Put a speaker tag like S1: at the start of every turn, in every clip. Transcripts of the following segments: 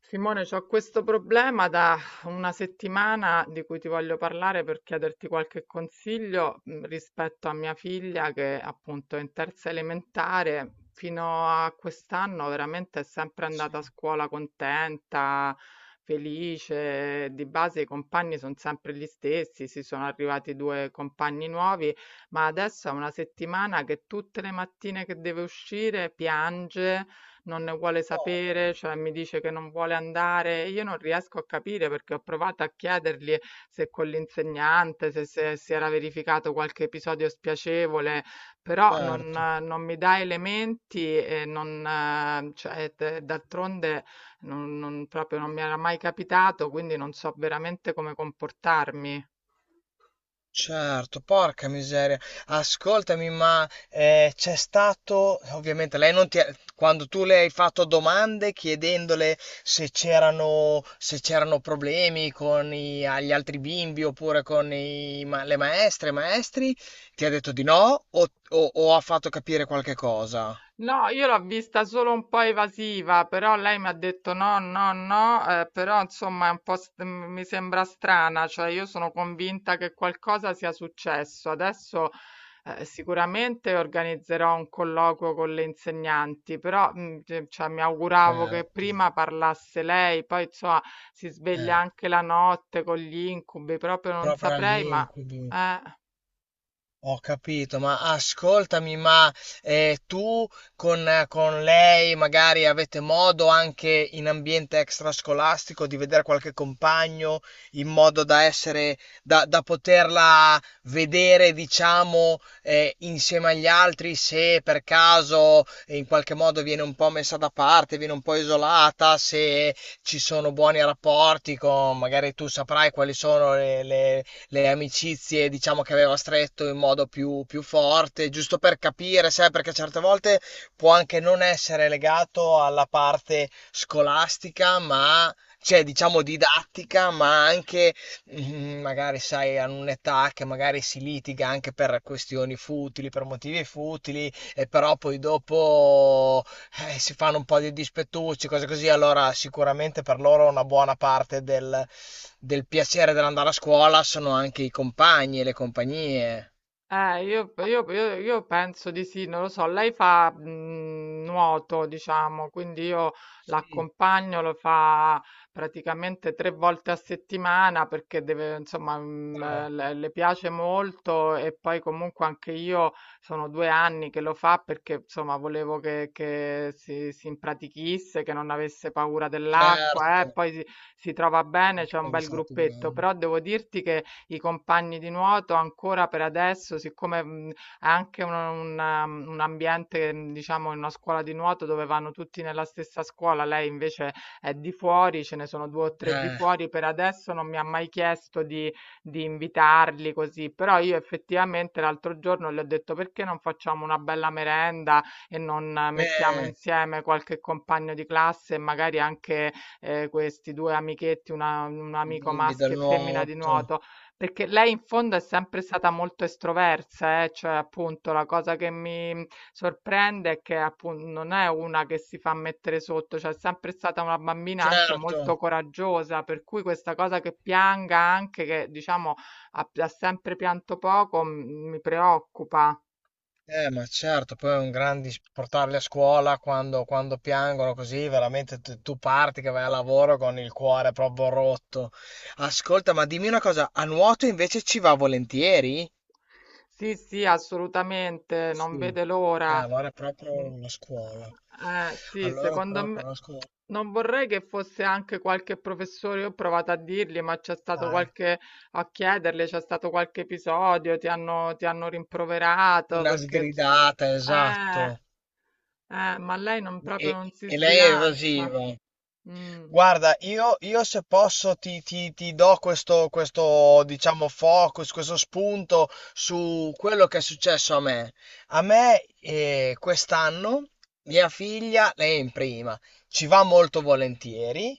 S1: Simone, ho questo problema da una settimana di cui ti voglio parlare per chiederti qualche consiglio rispetto a mia figlia che appunto è in terza elementare. Fino a quest'anno veramente è sempre andata a
S2: Sì,
S1: scuola contenta, felice. Di base i compagni sono sempre gli stessi, si sono arrivati due compagni nuovi, ma adesso è una settimana che tutte le mattine che deve uscire piange, non ne vuole
S2: porca
S1: sapere, cioè mi
S2: miseria.
S1: dice che non vuole andare. E io non riesco a capire perché ho provato a chiedergli se con l'insegnante, se si era verificato qualche episodio spiacevole, però non,
S2: Certo,
S1: eh, non mi dà elementi e non, cioè, d'altronde proprio non mi era mai capitato, quindi non so veramente come comportarmi.
S2: certo, porca miseria. Ascoltami, ma c'è stato, ovviamente lei non ti ha- quando tu le hai fatto domande chiedendole se c'erano se c'erano problemi con i- gli altri bimbi oppure con i ma- le maestre, i maestri, ti ha detto di no o, o ha fatto capire qualche cosa?
S1: No, io l'ho vista solo un po' evasiva, però lei mi ha detto no, no, no, però insomma è un po' mi sembra strana, cioè io sono convinta che qualcosa sia successo. Adesso sicuramente organizzerò un colloquio con le insegnanti, però cioè, mi auguravo che
S2: Certo,
S1: prima parlasse lei, poi insomma si sveglia
S2: eh,
S1: anche la notte con gli incubi, proprio non
S2: proprio agli
S1: saprei, ma
S2: incubi.
S1: eh.
S2: Ho capito, ma ascoltami, ma tu con lei magari avete modo anche in ambiente extrascolastico di vedere qualche compagno in modo da essere, da, da poterla vedere, diciamo, insieme agli altri se per caso in qualche modo viene un po' messa da parte, viene un po' isolata, se ci sono buoni rapporti con, magari tu saprai quali sono le amicizie, diciamo, che aveva stretto in modo più, più forte, giusto per capire, sai, perché certe volte può anche non essere legato alla parte scolastica, ma cioè, diciamo, didattica, ma anche magari, sai, hanno un'età che magari si litiga anche per questioni futili, per motivi futili, e però poi dopo si fanno un po' di dispettucci, cose così, allora sicuramente per loro una buona parte del, del piacere dell'andare a scuola sono anche i compagni e le compagnie.
S1: Io penso di sì, non lo so, lei fa nuoto, diciamo, quindi io
S2: Sì,
S1: l'accompagno, lo fa praticamente 3 volte a settimana perché deve, insomma,
S2: però,
S1: le piace molto e poi comunque anche io sono 2 anni che lo fa perché, insomma, volevo che, si impratichisse, che non avesse paura dell'acqua,
S2: certo,
S1: poi si trova bene,
S2: anche
S1: c'è un
S2: quando
S1: bel
S2: sarà più
S1: gruppetto,
S2: grande.
S1: però devo dirti che i compagni di nuoto ancora per adesso, siccome è anche un ambiente, diciamo, in una scuola di nuoto dove vanno tutti nella stessa scuola, lei invece è di fuori, ce ne sono due o tre di
S2: Eh,
S1: fuori, per adesso non mi ha mai chiesto di, invitarli così, però io effettivamente l'altro giorno le ho detto perché non facciamo una bella merenda e non, mettiamo
S2: eh,
S1: insieme qualche compagno di classe e magari anche questi due amichetti, un
S2: i
S1: amico
S2: bimbi del
S1: maschio e femmina di
S2: nuoto,
S1: nuoto, perché lei in fondo è sempre stata molto estroversa. Eh, Cioè, appunto, la cosa che mi sorprende è che appunto non è una che si fa mettere sotto, cioè è sempre stata una bambina anche
S2: certo.
S1: molto coraggiosa, per cui questa cosa che pianga anche, che diciamo ha sempre pianto poco, mi preoccupa.
S2: Ma certo, poi è un gran dis- portarli a scuola quando, quando piangono così, veramente tu tu parti che vai al lavoro con il cuore proprio rotto. Ascolta, ma dimmi una cosa, a nuoto invece ci va volentieri?
S1: Sì, sì, assolutamente, non
S2: Sì.
S1: vede l'ora.
S2: Allora è proprio
S1: Mm.
S2: una scuola.
S1: Sì,
S2: Allora è
S1: secondo
S2: proprio
S1: me
S2: una scuola.
S1: non vorrei che fosse anche qualche professore, io ho provato a dirgli, ma c'è stato
S2: Ah, eh.
S1: qualche, a chiedergli, c'è stato qualche episodio, ti hanno rimproverato
S2: Una
S1: perché.
S2: sgridata, esatto.
S1: Eh, ma lei non,
S2: E,
S1: proprio non si
S2: e lei è
S1: sbilancia.
S2: evasiva.
S1: Mm.
S2: Guarda, io se posso ti, ti- ti do questo, questo, diciamo, focus, questo spunto su quello che è successo a me. A me, quest'anno, mia figlia, lei è in prima, ci va molto volentieri.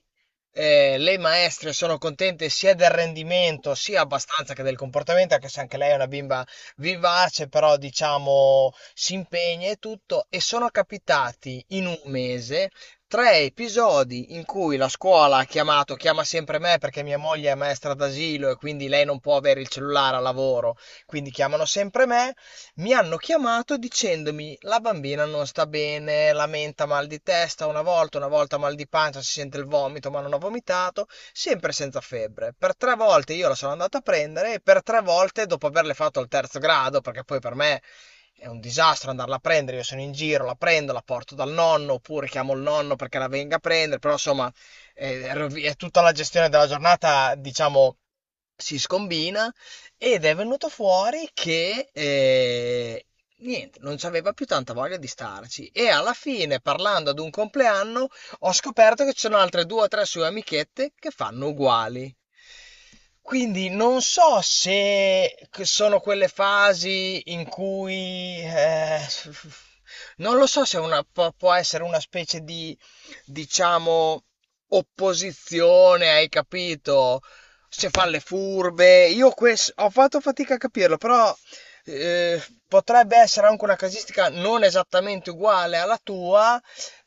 S2: Le maestre sono contente sia del rendimento, sia abbastanza che del comportamento, anche se anche lei è una bimba vivace, però diciamo si impegna e tutto. E sono capitati in un mese 3 episodi in cui la scuola ha chiamato, chiama sempre me perché mia moglie è maestra d'asilo e quindi lei non può avere il cellulare a lavoro, quindi chiamano sempre me, mi hanno chiamato dicendomi la bambina non sta bene, lamenta mal di testa una volta mal di pancia, si sente il vomito ma non ha vomitato, sempre senza febbre. Per 3 volte io la sono andata a prendere e per 3 volte dopo averle fatto al terzo grado, perché poi per me è un disastro andarla a prendere, io sono in giro, la prendo, la porto dal nonno, oppure chiamo il nonno perché la venga a prendere, però insomma rovi- è tutta la gestione della giornata, diciamo, si scombina ed è venuto fuori che niente, non c'aveva più tanta voglia di starci e alla fine, parlando ad un compleanno, ho scoperto che ci sono altre 2 o 3 sue amichette che fanno uguali. Quindi non so se c- sono quelle fasi in cui non lo so se una, può può essere una specie di, diciamo, opposizione, hai capito? Se fa le furbe. Io ques- ho fatto fatica a capirlo, però eh, potrebbe essere anche una casistica non esattamente uguale alla tua,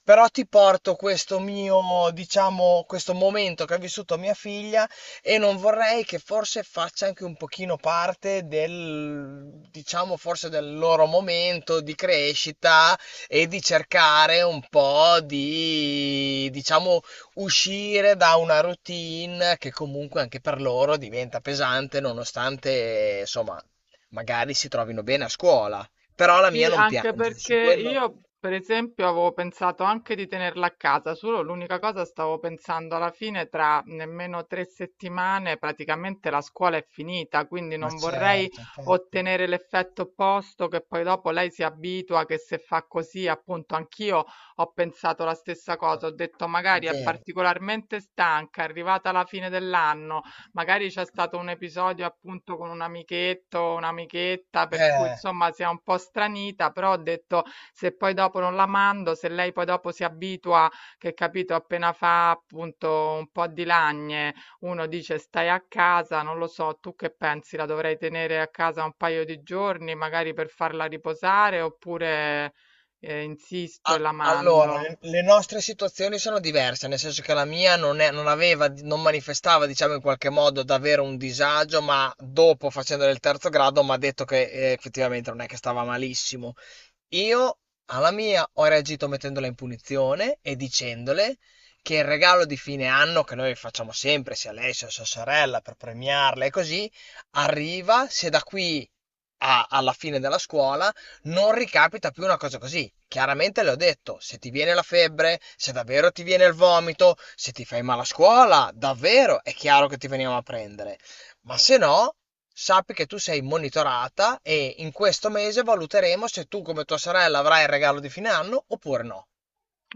S2: però ti porto questo mio, diciamo, questo momento che ha vissuto mia figlia e non vorrei che forse faccia anche un pochino parte del, diciamo, forse del loro momento di crescita e di cercare un po' di, diciamo, uscire da una routine che comunque anche per loro diventa pesante, nonostante, insomma, magari si trovino bene a scuola. Però la mia
S1: Sì,
S2: non
S1: anche
S2: piange,
S1: perché
S2: su quello...
S1: io, per esempio, avevo pensato anche di tenerla a casa, solo l'unica cosa, stavo pensando alla fine tra nemmeno 3 settimane praticamente la scuola è finita, quindi
S2: Ma
S1: non vorrei
S2: certo, infatti,
S1: ottenere l'effetto opposto che poi dopo lei si abitua, che se fa così. Appunto, anch'io ho pensato la stessa cosa, ho detto
S2: è
S1: magari è
S2: vero.
S1: particolarmente stanca, è arrivata alla fine dell'anno. Magari c'è stato un episodio appunto con un amichetto o un'amichetta per cui
S2: Eh.
S1: insomma si è un po' stranita, però ho detto, se poi dopo non la mando, se lei poi dopo si abitua, che capito, appena fa appunto un po' di lagne, uno dice stai a casa, non lo so, tu che pensi, la dovrei tenere a casa un paio di giorni, magari per farla riposare, oppure insisto e
S2: A-
S1: la
S2: Allora,
S1: mando.
S2: le nostre situazioni sono diverse, nel senso che la mia non è- non aveva, non manifestava, diciamo in qualche modo, davvero un disagio, ma dopo, facendo il terzo grado, mi ha detto che effettivamente non è che stava malissimo. Io alla mia ho reagito mettendola in punizione e dicendole che il regalo di fine anno che noi facciamo sempre, sia lei sia sua sorella, per premiarla e così, arriva se da qui a- alla fine della scuola non ricapita più una cosa così. Chiaramente le ho detto, se ti viene la febbre, se davvero ti viene il vomito, se ti fai male a scuola, davvero è chiaro che ti veniamo a prendere ma se no sappi che tu sei monitorata e in questo mese valuteremo se tu come tua sorella avrai il regalo di fine anno oppure no.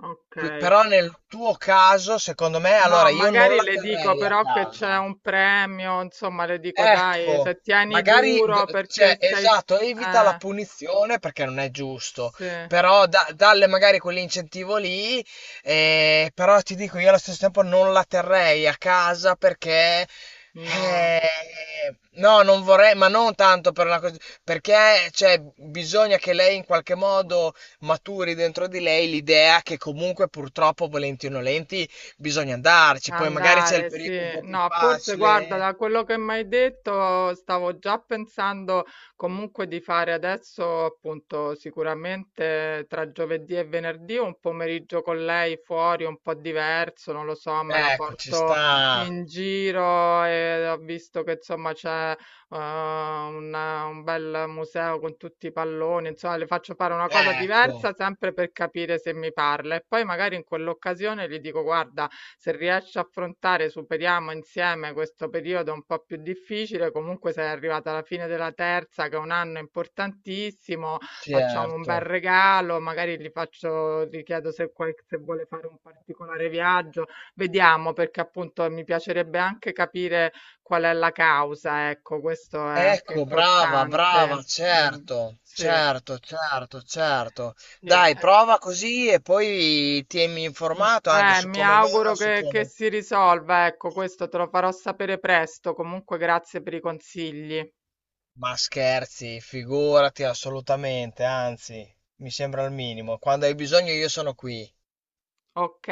S1: Ok.
S2: Qui- però nel tuo caso, secondo me, allora
S1: No,
S2: io non
S1: magari
S2: la
S1: le dico
S2: terrei a
S1: però che c'è
S2: casa.
S1: un premio, insomma, le dico dai,
S2: Ecco,
S1: se tieni
S2: magari, d-
S1: duro perché
S2: cioè,
S1: sei...
S2: esatto, evita la
S1: Eh,
S2: punizione perché non è giusto,
S1: sì,
S2: però da- dalle magari quell'incentivo lì, però ti dico, io allo stesso tempo non la terrei a casa perché,
S1: no.
S2: eh, no, non vorrei, ma non tanto per una cosa, perché, cioè, bisogna che lei in qualche modo maturi dentro di lei l'idea che comunque purtroppo, volenti o nolenti, bisogna andarci, poi magari c'è il
S1: Andare, sì.
S2: periodo un po' più
S1: No, forse guarda,
S2: facile.
S1: da quello che mi hai detto, stavo già pensando comunque di fare adesso, appunto, sicuramente tra giovedì e venerdì un pomeriggio con lei fuori, un po' diverso, non lo so, me la
S2: Ecco, ci
S1: porto
S2: sta.
S1: in giro. E ho visto che insomma c'è un bel museo con tutti i palloni, insomma, le faccio fare una cosa diversa
S2: Ecco,
S1: sempre per capire se mi parla e poi magari in quell'occasione gli dico, guarda, se riesci a affrontare, superiamo insieme questo periodo un po' più difficile, comunque sei arrivata alla fine della terza, che è un anno importantissimo, facciamo un
S2: certo.
S1: bel regalo, magari gli faccio, gli chiedo se, se vuole fare un particolare viaggio, vediamo, perché appunto mi piacerebbe anche capire qual è la causa, ecco, questo è anche
S2: Ecco, brava, brava,
S1: importante. Mm,
S2: certo.
S1: sì,
S2: Certo, certo, certo.
S1: sì.
S2: Dai,
S1: è
S2: prova così e poi tienimi
S1: Mm,
S2: informato anche
S1: Eh,
S2: su
S1: mi
S2: come va,
S1: auguro
S2: su
S1: che
S2: come...
S1: si risolva, ecco, questo te lo farò sapere presto. Comunque, grazie per i consigli.
S2: Ma scherzi, figurati assolutamente, anzi, mi sembra il minimo. Quando hai bisogno io sono qui.
S1: Ok.